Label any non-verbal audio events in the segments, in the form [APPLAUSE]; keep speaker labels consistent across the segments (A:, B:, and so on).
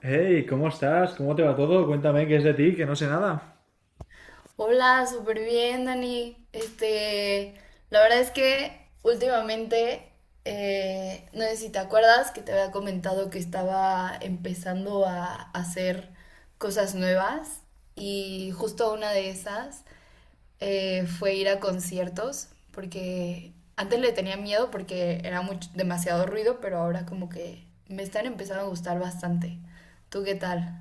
A: Hey, ¿cómo estás? ¿Cómo te va todo? Cuéntame qué es de ti, que no sé nada.
B: Hola, súper bien, Dani. La verdad es que últimamente, no sé si te acuerdas que te había comentado que estaba empezando a hacer cosas nuevas y justo una de esas fue ir a conciertos porque antes le tenía miedo porque era mucho, demasiado ruido, pero ahora como que me están empezando a gustar bastante. ¿Tú qué tal?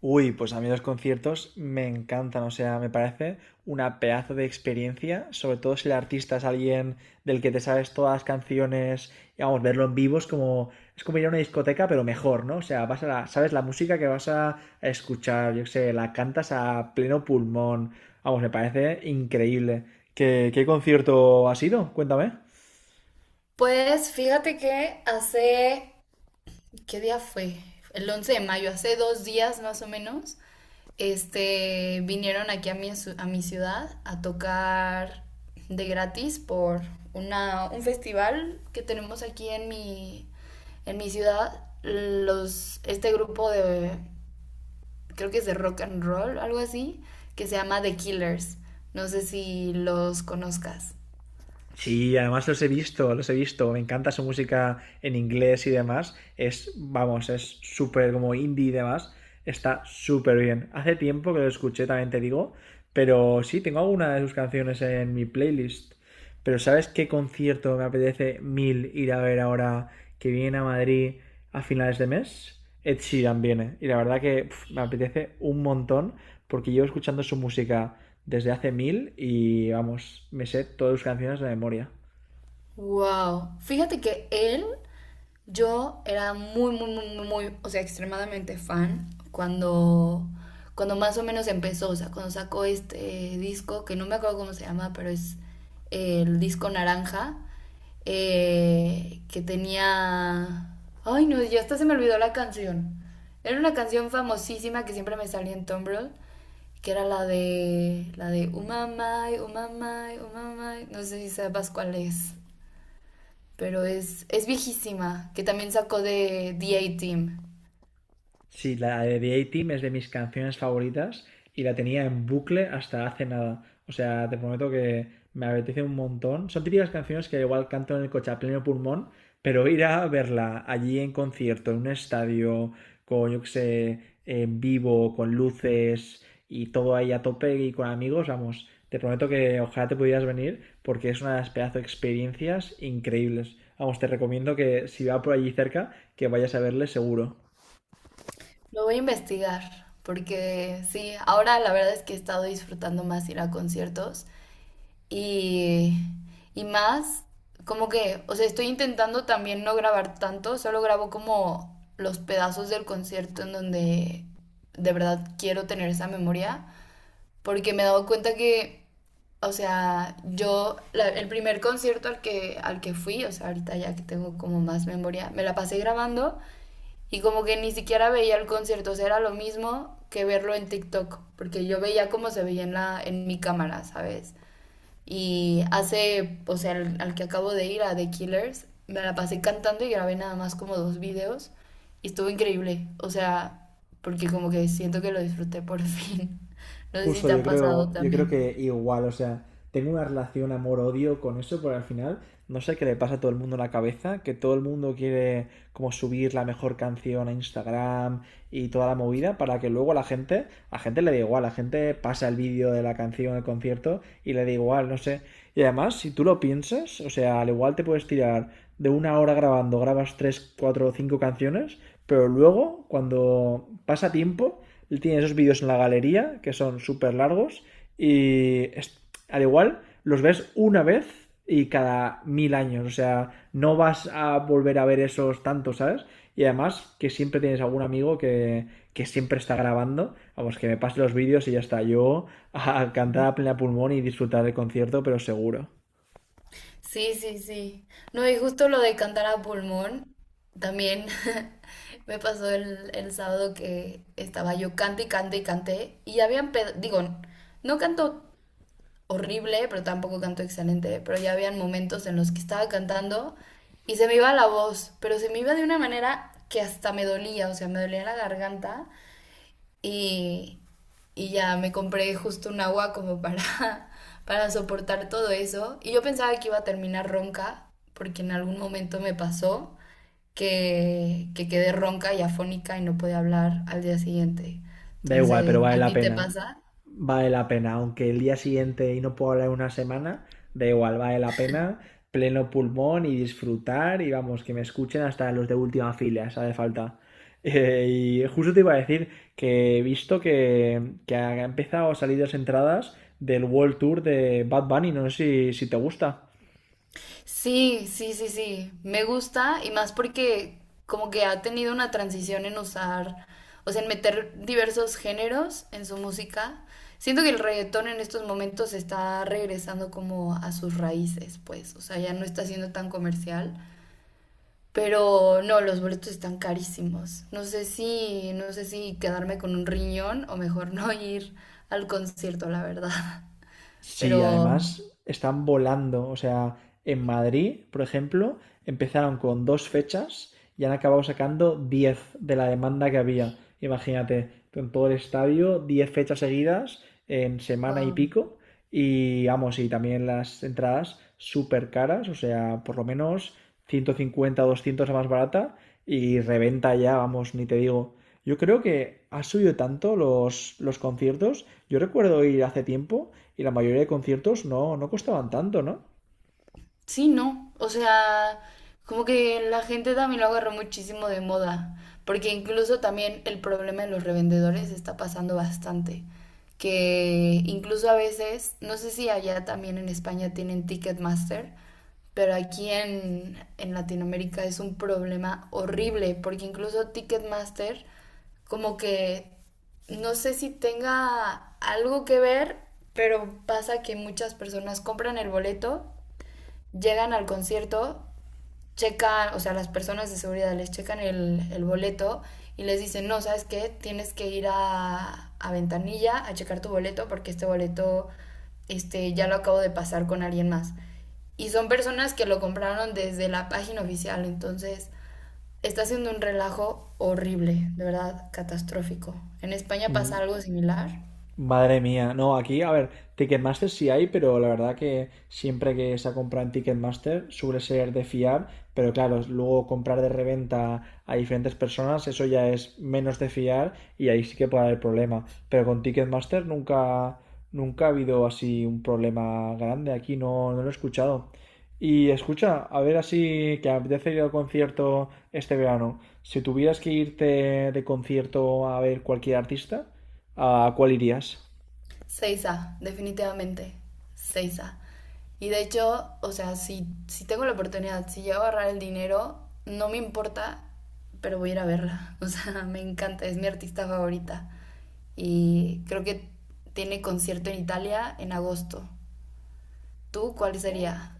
A: Uy, pues a mí los conciertos me encantan, o sea, me parece una pedazo de experiencia, sobre todo si el artista es alguien del que te sabes todas las canciones, y vamos, verlo en vivo es como ir a una discoteca, pero mejor, ¿no? O sea, sabes la música que vas a escuchar, yo qué sé, la cantas a pleno pulmón, vamos, me parece increíble. ¿Qué concierto ha sido? Cuéntame.
B: Pues fíjate que hace... ¿Qué día fue? El 11 de mayo, hace 2 días más o menos. Vinieron aquí a mi ciudad a tocar de gratis por un festival que tenemos aquí en en mi ciudad. Este grupo de, creo que es de rock and roll, algo así, que se llama The Killers. No sé si los conozcas.
A: Sí, además los he visto, los he visto. Me encanta su música en inglés y demás. Es, vamos, es súper como indie y demás. Está súper bien. Hace tiempo que lo escuché, también te digo. Pero sí, tengo alguna de sus canciones en mi playlist. Pero ¿sabes qué concierto me apetece mil ir a ver ahora que viene a Madrid a finales de mes? Ed Sheeran viene. Y la verdad que pf, me apetece un montón porque llevo escuchando su música desde hace mil y vamos, me sé todas sus canciones de memoria.
B: Wow. Fíjate que él... Yo era muy, muy, muy, muy, o sea, extremadamente fan cuando más o menos empezó, o sea, cuando sacó este disco, que no me acuerdo cómo se llama, pero es, el disco naranja, que tenía... Ay, no, ya hasta se me olvidó la canción. Era una canción famosísima que siempre me salía en Tumblr, que era la de... La de Umamai, Umamai, Umamai, no sé si sabes cuál es, pero es viejísima, que también sacó de The A-Team.
A: Sí, la de The A-Team es de mis canciones favoritas y la tenía en bucle hasta hace nada. O sea, te prometo que me apetece un montón. Son típicas canciones que igual canto en el coche a pleno pulmón, pero ir a verla allí en concierto, en un estadio, con, yo qué sé, en vivo, con luces y todo ahí a tope y con amigos, vamos, te prometo que ojalá te pudieras venir porque es una de las pedazo de experiencias increíbles. Vamos, te recomiendo que si va por allí cerca, que vayas a verle seguro.
B: Lo voy a investigar, porque sí, ahora la verdad es que he estado disfrutando más ir a conciertos y, y más, como que, o sea, estoy intentando también no grabar tanto, solo grabo como los pedazos del concierto en donde de verdad quiero tener esa memoria porque me he dado cuenta que, o sea, yo, el primer concierto al que fui, o sea, ahorita ya que tengo como más memoria, me la pasé grabando y como que ni siquiera veía el concierto, o sea, era lo mismo que verlo en TikTok, porque yo veía cómo se veía en en mi cámara, ¿sabes? Y hace, o sea, al que acabo de ir, a The Killers, me la pasé cantando y grabé nada más como dos videos. Y estuvo increíble. O sea, porque como que siento que lo disfruté por fin. [LAUGHS] No sé si
A: Justo,
B: te
A: yo
B: ha pasado
A: creo, yo creo que
B: también.
A: igual, o sea, tengo una relación amor-odio con eso, porque al final no sé qué le pasa a todo el mundo en la cabeza, que todo el mundo quiere como subir la mejor canción a Instagram y toda la movida para que luego la gente, a gente le da igual, la gente pasa el vídeo de la canción al concierto y le da igual, no sé. Y además, si tú lo piensas, o sea, al igual te puedes tirar de una hora grabando, grabas tres, cuatro o cinco canciones, pero luego, cuando pasa tiempo, tiene esos vídeos en la galería que son súper largos y es- al igual los ves una vez y cada mil años, o sea, no vas a volver a ver esos tantos, ¿sabes? Y además que siempre tienes algún amigo que siempre está grabando, vamos, que me pase los vídeos y ya está, yo a cantar a plena pulmón y disfrutar del concierto, pero seguro.
B: Sí, sí, sí. No, y justo lo de cantar a pulmón, también [LAUGHS] me pasó el sábado que estaba yo cante y cante y cante. Y habían, digo, no canto horrible, pero tampoco canto excelente, pero ya habían momentos en los que estaba cantando y se me iba la voz, pero se me iba de una manera que hasta me dolía, o sea, me dolía la garganta y, y ya me compré justo un agua como para [LAUGHS] para soportar todo eso. Y yo pensaba que iba a terminar ronca, porque en algún momento me pasó que quedé ronca y afónica y no podía hablar al día siguiente.
A: Da igual, pero
B: Entonces,
A: vale
B: ¿a
A: la
B: ti te
A: pena.
B: pasa?
A: Vale la pena. Aunque el día siguiente y no puedo hablar una semana, da igual, vale la pena. Pleno pulmón y disfrutar. Y vamos, que me escuchen hasta los de última fila, si hace falta. [LAUGHS] Y justo te iba a decir que he visto que ha empezado a salir las entradas del World Tour de Bad Bunny. No sé si te gusta.
B: Sí, sí, sí, sí. Me gusta y más porque como que ha tenido una transición en usar, o sea, en meter diversos géneros en su música. Siento que el reggaetón en estos momentos está regresando como a sus raíces, pues, o sea, ya no está siendo tan comercial, pero no, los boletos están carísimos. No sé no sé si quedarme con un riñón o mejor [LAUGHS] no ir al concierto, la verdad.
A: Sí,
B: Pero,
A: además están volando. O sea, en Madrid, por ejemplo, empezaron con dos fechas y han acabado sacando 10 de la demanda que había. Imagínate, tú en todo el estadio, 10 fechas seguidas en semana y
B: wow.
A: pico. Y vamos, y también las entradas súper caras, o sea, por lo menos 150 o 200 la más barata y reventa ya, vamos, ni te digo. Yo creo que ha subido tanto los conciertos. Yo recuerdo ir hace tiempo y la mayoría de conciertos no, no costaban tanto, ¿no?
B: Sí, no. O sea, como que la gente también lo agarró muchísimo de moda, porque incluso también el problema de los revendedores está pasando bastante, que incluso a veces, no sé si allá también en España tienen Ticketmaster, pero aquí en Latinoamérica es un problema horrible, porque incluso Ticketmaster como que no sé si tenga algo que ver, pero pasa que muchas personas compran el boleto, llegan al concierto, checan, o sea, las personas de seguridad les checan el boleto y les dicen, no, ¿sabes qué? Tienes que ir a Ventanilla a checar tu boleto porque este boleto, ya lo acabo de pasar con alguien más. Y son personas que lo compraron desde la página oficial, entonces está haciendo un relajo horrible, de verdad, catastrófico. ¿En España pasa
A: Mm,
B: algo similar?
A: Madre mía, no, aquí, a ver, Ticketmaster sí hay, pero la verdad que siempre que se compra en Ticketmaster suele ser de fiar, pero claro, luego comprar de reventa a diferentes personas, eso ya es menos de fiar y ahí sí que puede haber problema. Pero con Ticketmaster nunca, nunca ha habido así un problema grande, aquí no, no lo he escuchado. Y escucha, a ver así que apetece ir al concierto este verano. Si tuvieras que irte de concierto a ver cualquier artista, ¿a cuál irías?
B: Seiza, definitivamente. Seiza. Y de hecho, o sea, si tengo la oportunidad, si llego a ahorrar el dinero, no me importa, pero voy a ir a verla. [LAUGHS] O sea, me encanta, es mi artista favorita. Y creo que tiene concierto en Italia en agosto. ¿Tú cuál sería?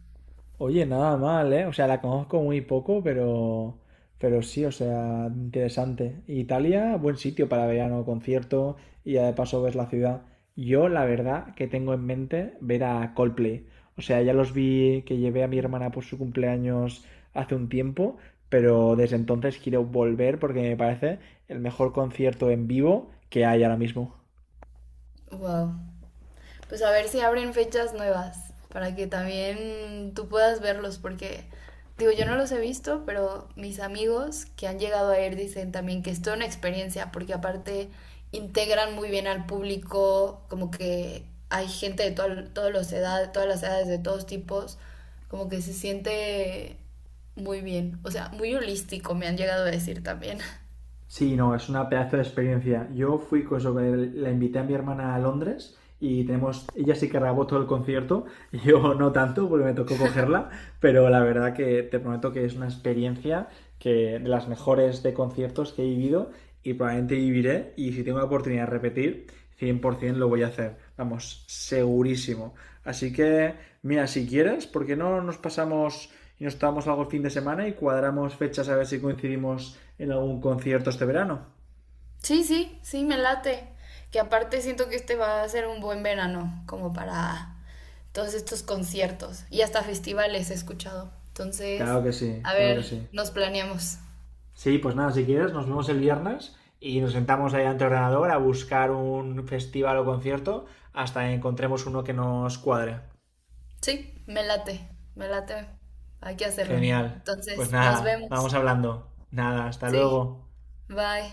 A: Oye, nada mal, ¿eh? O sea, la conozco muy poco, pero sí, o sea, interesante. Italia, buen sitio para verano, concierto y ya de paso ves la ciudad. Yo, la verdad, que tengo en mente ver a Coldplay. O sea, ya los vi que llevé a mi hermana por su cumpleaños hace un tiempo, pero desde entonces quiero volver porque me parece el mejor concierto en vivo que hay ahora mismo.
B: Wow. Pues a ver si abren fechas nuevas para que también tú puedas verlos, porque digo, yo no los he visto, pero mis amigos que han llegado a ir dicen también que es toda una experiencia, porque aparte integran muy bien al público, como que hay gente de todas todos los edad, todas las edades, de todos tipos, como que se siente muy bien, o sea, muy holístico, me han llegado a decir también.
A: Sí, no, es una pedazo de experiencia. Yo fui con eso, la invité a mi hermana a Londres y tenemos, ella sí que grabó todo el concierto, [LAUGHS] yo no tanto porque me tocó cogerla, pero la verdad que te prometo que es una experiencia que de las mejores de conciertos que he vivido y probablemente viviré y si tengo la oportunidad de repetir, 100% lo voy a hacer, vamos, segurísimo. Así que, mira, si quieres, ¿por qué no nos pasamos y nos tomamos algo el fin de semana y cuadramos fechas a ver si coincidimos en algún concierto este verano?
B: Sí, sí, sí, me late. Que aparte siento que este va a ser un buen verano, como para todos estos conciertos y hasta festivales he escuchado. Entonces,
A: Claro que sí,
B: a
A: claro que
B: ver,
A: sí.
B: nos planeamos.
A: Sí, pues nada, si quieres, nos vemos el viernes y nos sentamos ahí ante el ordenador a buscar un festival o concierto hasta que encontremos uno que nos cuadre.
B: Sí, me late, me late. Hay que hacerlo.
A: Genial. Pues
B: Entonces, nos
A: nada, vamos
B: vemos.
A: hablando. Nada, hasta
B: Sí,
A: luego.
B: bye.